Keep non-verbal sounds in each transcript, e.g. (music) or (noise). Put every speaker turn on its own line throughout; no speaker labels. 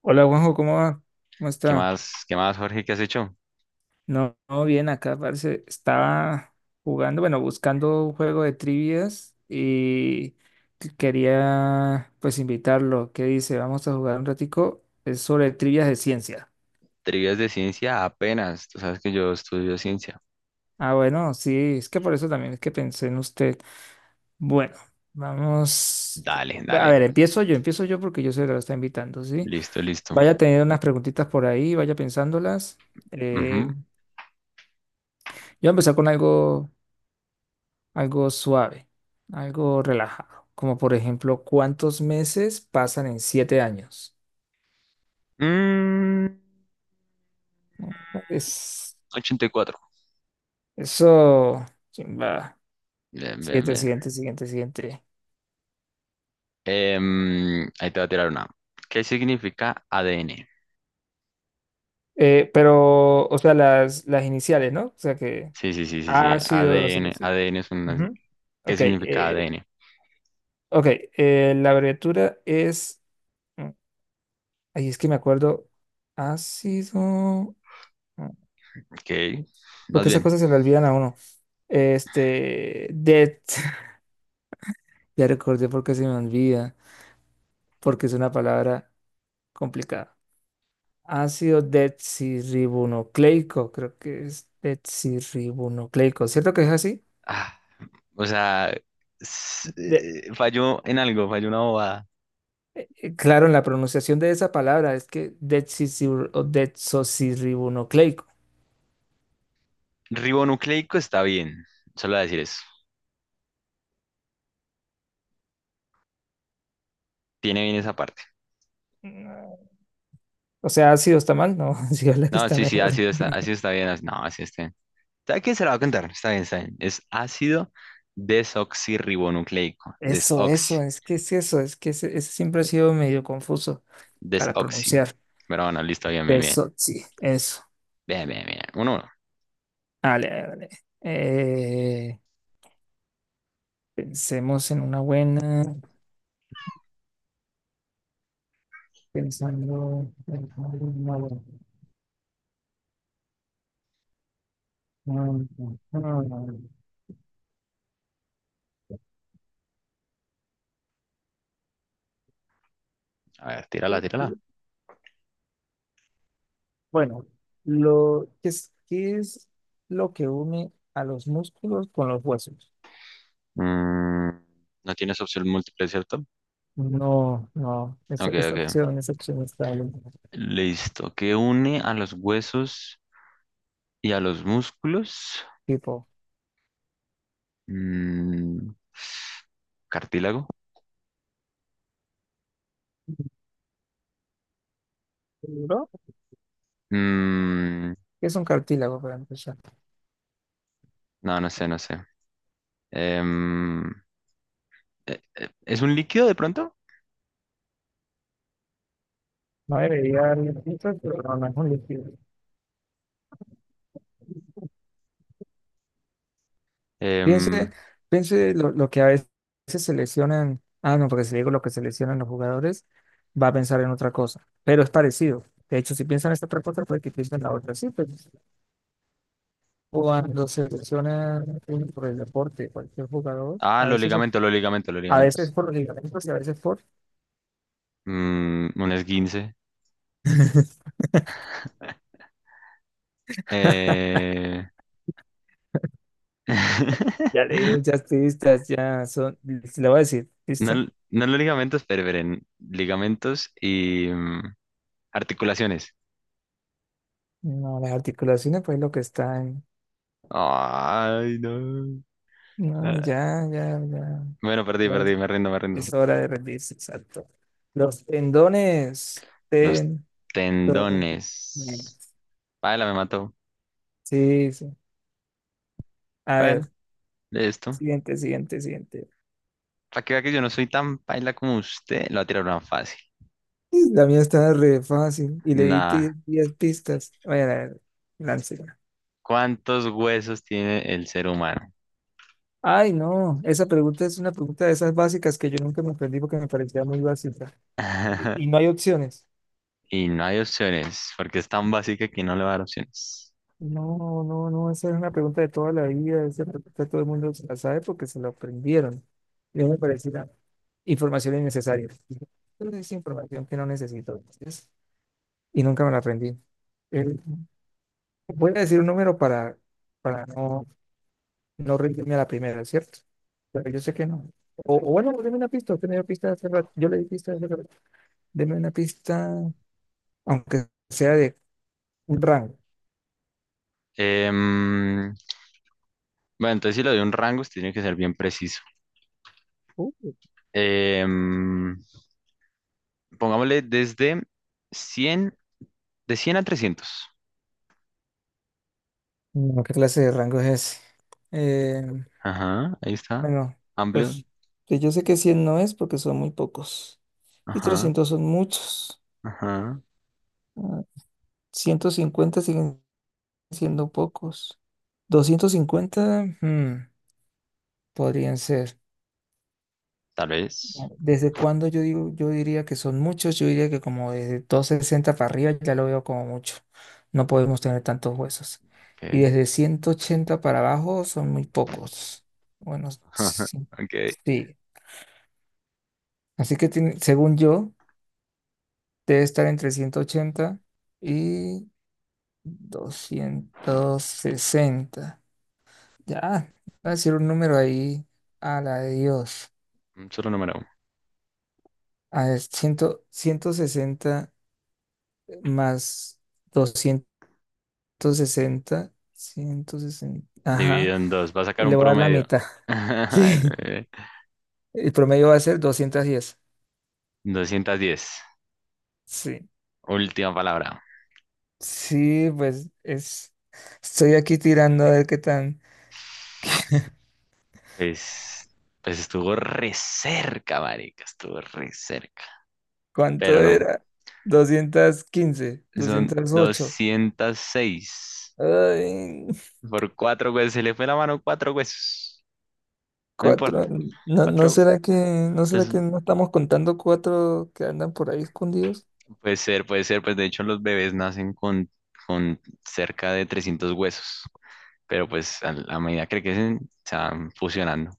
Hola Juanjo, ¿cómo va? ¿Cómo está?
Qué más, Jorge? ¿Qué has hecho?
No, no, bien, acá parece, estaba jugando, bueno, buscando un juego de trivias y quería pues invitarlo. ¿Qué dice? Vamos a jugar un ratico. Es sobre trivias de ciencia.
Trivias de ciencia apenas. Tú sabes que yo estudio ciencia.
Ah, bueno, sí, es que por eso también es que pensé en usted. Bueno, vamos.
Dale,
A ver,
dale.
empiezo yo porque yo soy el que lo está invitando, ¿sí?
Listo, listo.
Vaya teniendo unas preguntitas por ahí, vaya pensándolas.
Ujú.
Eh, yo voy a empezar con algo, algo suave, algo relajado, como por ejemplo, ¿cuántos meses pasan en 7 años?
Mm,
Es
84.
eso, chimba.
Bien, bien,
Siguiente,
bien.
siguiente, siguiente, siguiente.
Ahí te voy a tirar una. ¿Qué significa ADN?
Pero, o sea, las iniciales, ¿no? O sea que
Sí, sí, sí, sí, sí.
ácido, no sé qué,
ADN.
sí.
ADN es una
Ujú.
¿qué
Ok,
significa ADN?
ok, la abreviatura es, mm, ay, es que me acuerdo, ácido, mm,
Ok. Más
porque esas
bien.
cosas se le olvidan a uno. Este, det. (laughs) Ya recordé porque se me olvida, porque es una palabra complicada. Ácido desoxirribonucleico, creo que es desoxirribonucleico. ¿Cierto que es así?
Ah, o sea,
De-
falló en algo, falló una bobada.
claro, en la pronunciación de esa palabra es que o desoxirribonucleico.
Ribonucleico está bien. Solo voy a decir eso. Tiene bien esa parte.
No. O sea, ácido está mal, no, (laughs) sí es la que
No,
está
sí, sí,
mejor.
ácido está bien. No, ácido está bien. ¿A quién se lo va a contar? Está bien, está bien. Es ácido desoxirribonucleico.
Eso,
Desoxi.
eso, es que es eso, es que ese siempre ha sido medio confuso para
Desoxi.
pronunciar.
Pero bueno, listo, bien, bien, bien.
Eso sí eso.
Bien, bien, bien. Uno, uno.
Vale, vale. Eh, Pensemos en una buena, pensando en una buena. Mm, mm, mm.
A ver, tírala, tírala.
Bueno, lo que es, ¿qué es lo que une a los músculos con los huesos?
Mm, no tienes opción múltiple, ¿cierto?
No, no,
Ok,
esta
ok.
opción, esta opción está en
Listo. ¿Qué une a los huesos y a los músculos?
tipo,
Mm, cartílago.
¿no?
Mm,
Es un cartílago para empezar.
no, no sé, no sé. Em, ¿Es un líquido de pronto?
No debería haber listas, pero no, no es un líquido. Piensa
Em,
Piense lo que a veces seleccionan, ah, no, porque si le digo lo que seleccionan los jugadores, va a pensar en otra cosa, pero es parecido. De hecho, si piensan en esta otra cosa, puede que piensen en la otra. Sí, pero cuando seleccionan por el deporte, cualquier jugador, a
los
veces,
ligamentos, los ligamentos, los
a veces
ligamentos.
por los ligamentos y a veces por.
Un esguince.
(laughs)
Eh,
Ya
(laughs)
leí muchas pistas, ya son, le voy a decir,
No,
¿listo?
no los ligamentos, pero esperen, ligamentos y articulaciones.
No, las articulaciones, pues lo que están.
Ay, no.
No,
Ah,
ya, ya,
bueno, perdí,
ya.
perdí, me rindo, me rindo.
Es hora de rendirse, exacto. Los tendones
Los
tendones.
tendones. Paila me mató.
Sí, sí. A
Bueno,
ver,
listo.
siguiente, siguiente, siguiente.
Para que vea que yo no soy tan paila como usted, lo va a tirar una fácil.
Y la mía está re fácil y le di
Nah,
10 pistas. A ver, láncela.
¿cuántos huesos tiene el ser humano?
Ay, no, esa pregunta es una pregunta de esas básicas que yo nunca me aprendí porque me parecía muy básica. Y no
(laughs)
hay opciones.
Y no hay opciones, porque es tan básica que no le va a dar opciones.
No, no, no, esa es una pregunta de toda la vida, esa pregunta todo el mundo se la sabe porque se la aprendieron. Yo me parecía información innecesaria. Pero es información que no necesito. Entonces, y nunca me la aprendí. Eh, Voy a decir un número para, no, no rendirme a la primera, ¿cierto? Pero yo sé que no. O bueno, deme una pista. Usted me dio pista hace rato. Yo le di pista hace rato. Deme una pista, aunque sea de un rango.
Em, bueno, entonces si le doy un rango, usted tiene que ser bien preciso.
Uh,
Em, pongámosle desde cien, de cien a trescientos.
no, ¿qué clase de rango es ese? Eh,
Ajá, ahí está.
bueno,
Amplio.
pues que yo sé que 100 no es porque son muy pocos. Y
Ajá,
300 son muchos.
ajá.
Ah, 150 siguen siendo pocos. 250, podrían ser.
Tal vez.
¿Desde cuándo yo digo, yo diría que son muchos? Yo diría que como desde 260 para arriba ya lo veo como mucho. No podemos tener tantos huesos. Y
Ok.
desde 180 para abajo son muy pocos. Bueno,
(laughs)
sí.
Ok.
Sí. Así que según yo, debe estar entre 180 y 260. Ya, voy a decir un número ahí a la de Dios.
Un solo número.
A ver, 100, 60 más 260 160. Ajá,
Dividido en dos. Va a sacar un
le voy a dar la
promedio.
mitad. (laughs)
(laughs) Ay,
Sí,
bebé.
el promedio va a ser 210.
210.
Sí,
Última palabra.
sí, pues es. Estoy aquí tirando a ver qué tan.
Pues, pues estuvo re cerca, marica, estuvo re cerca.
¿Cuánto
Pero no,
era? 215,
son
208.
206
Ay,
por cuatro huesos. Se le fue la mano cuatro huesos. No
cuatro.
importa,
¿No
cuatro.
será que, no será
Entonces,
que, no estamos contando cuatro que andan por ahí escondidos?
puede ser, puede ser. Pues de hecho los bebés nacen con cerca de 300 huesos. Pero pues a medida que crecen, se van fusionando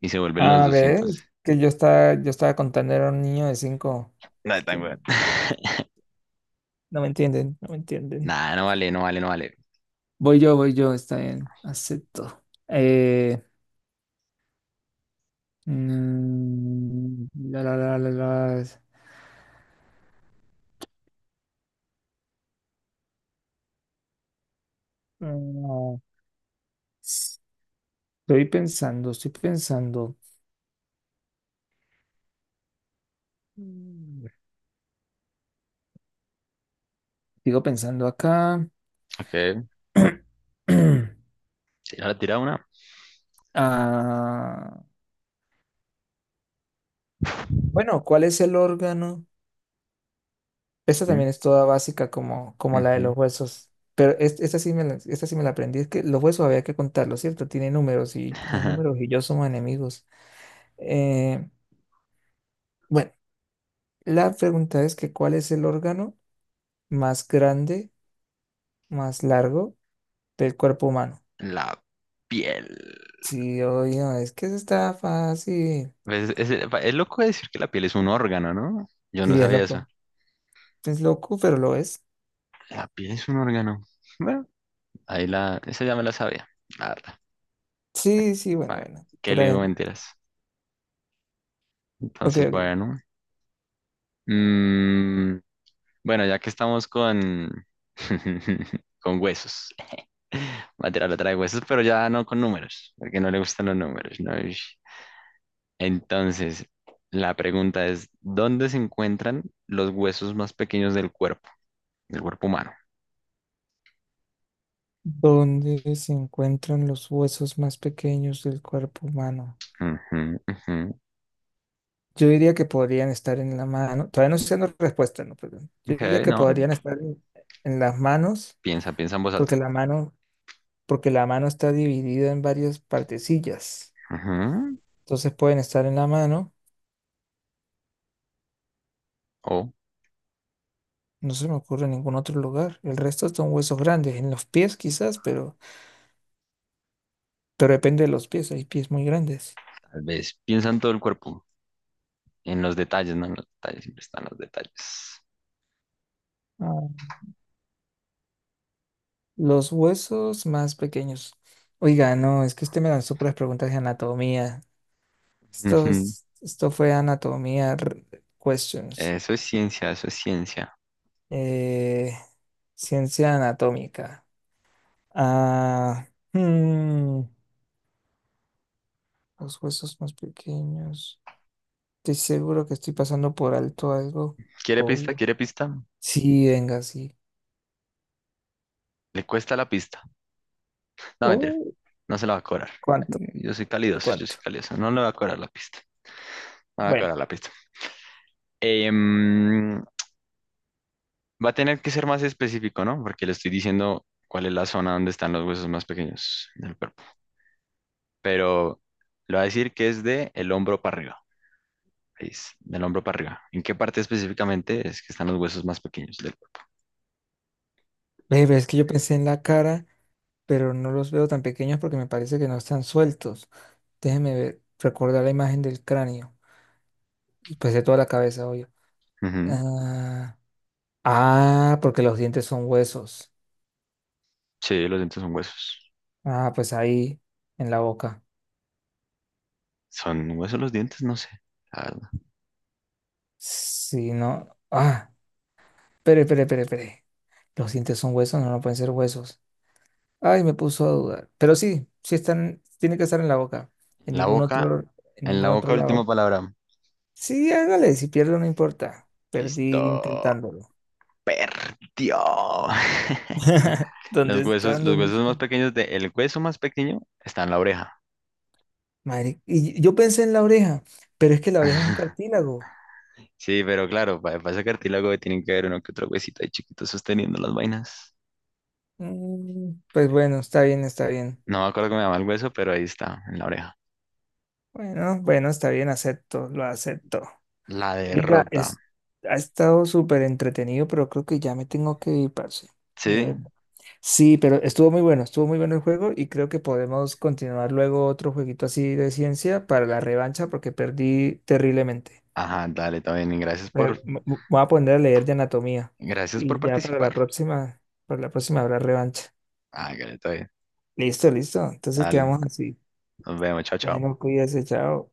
y se vuelven los
A ver,
200.
es que yo estaba contando era un niño de cinco.
Nada,
Es
tan
que
weón. (laughs)
no me entienden, no me entienden.
Nada, no vale, no vale, no vale.
Voy yo, está bien, acepto. Eh, mm, la, la, la, la, la, mm, Estoy pensando, estoy pensando. Mm. Sigo pensando acá.
Ok,
(clears throat)
ahora tira una.
Ah, bueno, ¿cuál es el órgano? Esta
Ujú,
también es toda básica como la de
ujú.
los huesos. Pero esta sí me la aprendí. Es que los huesos había que contarlos, ¿cierto? Tiene números y los números
(laughs)
y yo somos enemigos. Eh, bueno, la pregunta es que ¿cuál es el órgano más grande, más largo del cuerpo humano?
La piel.
Sí, oye, no, es que eso está fácil.
Pues, es loco decir que la piel es un órgano, ¿no? Yo no
Sí, es
sabía eso.
loco. Es loco, pero lo es.
La piel es un órgano. Bueno, ahí la, esa ya me la sabía. La verdad.
Sí, sí, bueno,
Vale,
bueno.
¿qué
Tú
le
la
digo
ven.
mentiras?
Ok,
Entonces,
ok.
bueno. Mm, bueno, ya que estamos con, (laughs) con huesos. Va a tirar otra de huesos, pero ya no con números, porque no le gustan los números, ¿no? Ish. Entonces, la pregunta es, ¿dónde se encuentran los huesos más pequeños del cuerpo? Del cuerpo humano.
Donde se encuentran los huesos más pequeños del cuerpo humano.
Ujú, ujú.
Yo diría que podrían estar en la mano. Todavía no estoy dando respuesta, no, perdón. Yo
Ok,
diría que
no,
podrían estar en, las manos,
piensa, piensa en voz
porque
alta.
la mano, porque la mano está dividida en varias partecillas.
Ujú.
Entonces pueden estar en la mano.
O
No se me ocurre en ningún otro lugar. El resto son huesos grandes. En los pies quizás, pero, depende de los pies. Hay pies muy grandes.
tal vez piensa en todo el cuerpo, en los detalles, no en los detalles, siempre están los detalles.
Los huesos más pequeños. Oiga, no, es que usted me lanzó puras preguntas de anatomía. Esto,
Ujú.
esto fue anatomía questions.
Eso es ciencia, eso es ciencia.
Eh, Ciencia anatómica. Ah, hmm, los huesos más pequeños. Estoy seguro que estoy pasando por alto algo.
¿Quiere pista?
Colio.
¿Quiere pista?
Sí, venga, sí.
Le cuesta la pista. No, mentira,
Oh,
no se la va a cobrar.
¿cuánto?
Yo soy calidoso, yo
¿Cuánto?
soy calidoso. No le va a cobrar la pista. No le va a
Bueno,
cobrar la pista. Em, va a tener que ser más específico, ¿no? Porque le estoy diciendo cuál es la zona donde están los huesos más pequeños del cuerpo. Pero le voy a decir que es de el hombro para arriba. Ahí es, del hombro para arriba. ¿En qué parte específicamente es que están los huesos más pequeños del cuerpo?
ve, ve, es que yo pensé en la cara, pero no los veo tan pequeños porque me parece que no están sueltos. Déjeme ver, recordar la imagen del cráneo, y pues de toda la cabeza, obvio.
Ujú.
Ah, ah, porque los dientes son huesos.
Sí, los dientes son huesos.
Ah, pues ahí, en la boca.
¿Son huesos los dientes? No sé. La verdad.
Si no. Ah, espere, espere, espere, espere. Los dientes son huesos, no, no pueden ser huesos. Ay, me puso a dudar. Pero sí, sí están, tiene que estar en la boca. En
La
ningún
boca,
otro, en
en la
ningún
boca,
otro
última
lado.
palabra.
Sí, hágale, si pierdo no importa. Perdí
Listo.
intentándolo.
Perdió. (laughs)
(laughs) ¿Dónde están?
Los
¿Dónde
huesos más
están?
pequeños de, el hueso más pequeño está en la oreja.
Madre, y yo pensé en la oreja, pero es que la oreja es un cartílago.
Sí, pero claro, para, ese cartílago tienen que haber uno que otro huesito ahí chiquito sosteniendo las vainas.
Pues bueno, está bien, está bien.
No me acuerdo cómo me llama el hueso, pero ahí está, en la oreja.
Bueno, bueno, está bien, acepto, lo acepto.
La
Oiga,
derrota.
ha estado súper entretenido, pero creo que ya me tengo que ir, parce. De
Sí.
verdad. Sí, pero estuvo muy bueno el juego y creo que podemos continuar luego otro jueguito así de ciencia para la revancha porque perdí terriblemente.
Ajá, dale, está bien. Y gracias
Eh,
por,
me- me voy a poner a leer de anatomía
gracias por
y ya para la
participar.
próxima, habrá revancha.
Ah, dale, está bien.
Listo, listo. Entonces
Dale.
quedamos así.
Nos vemos. Chao, chao.
Bueno, cuídese, chao.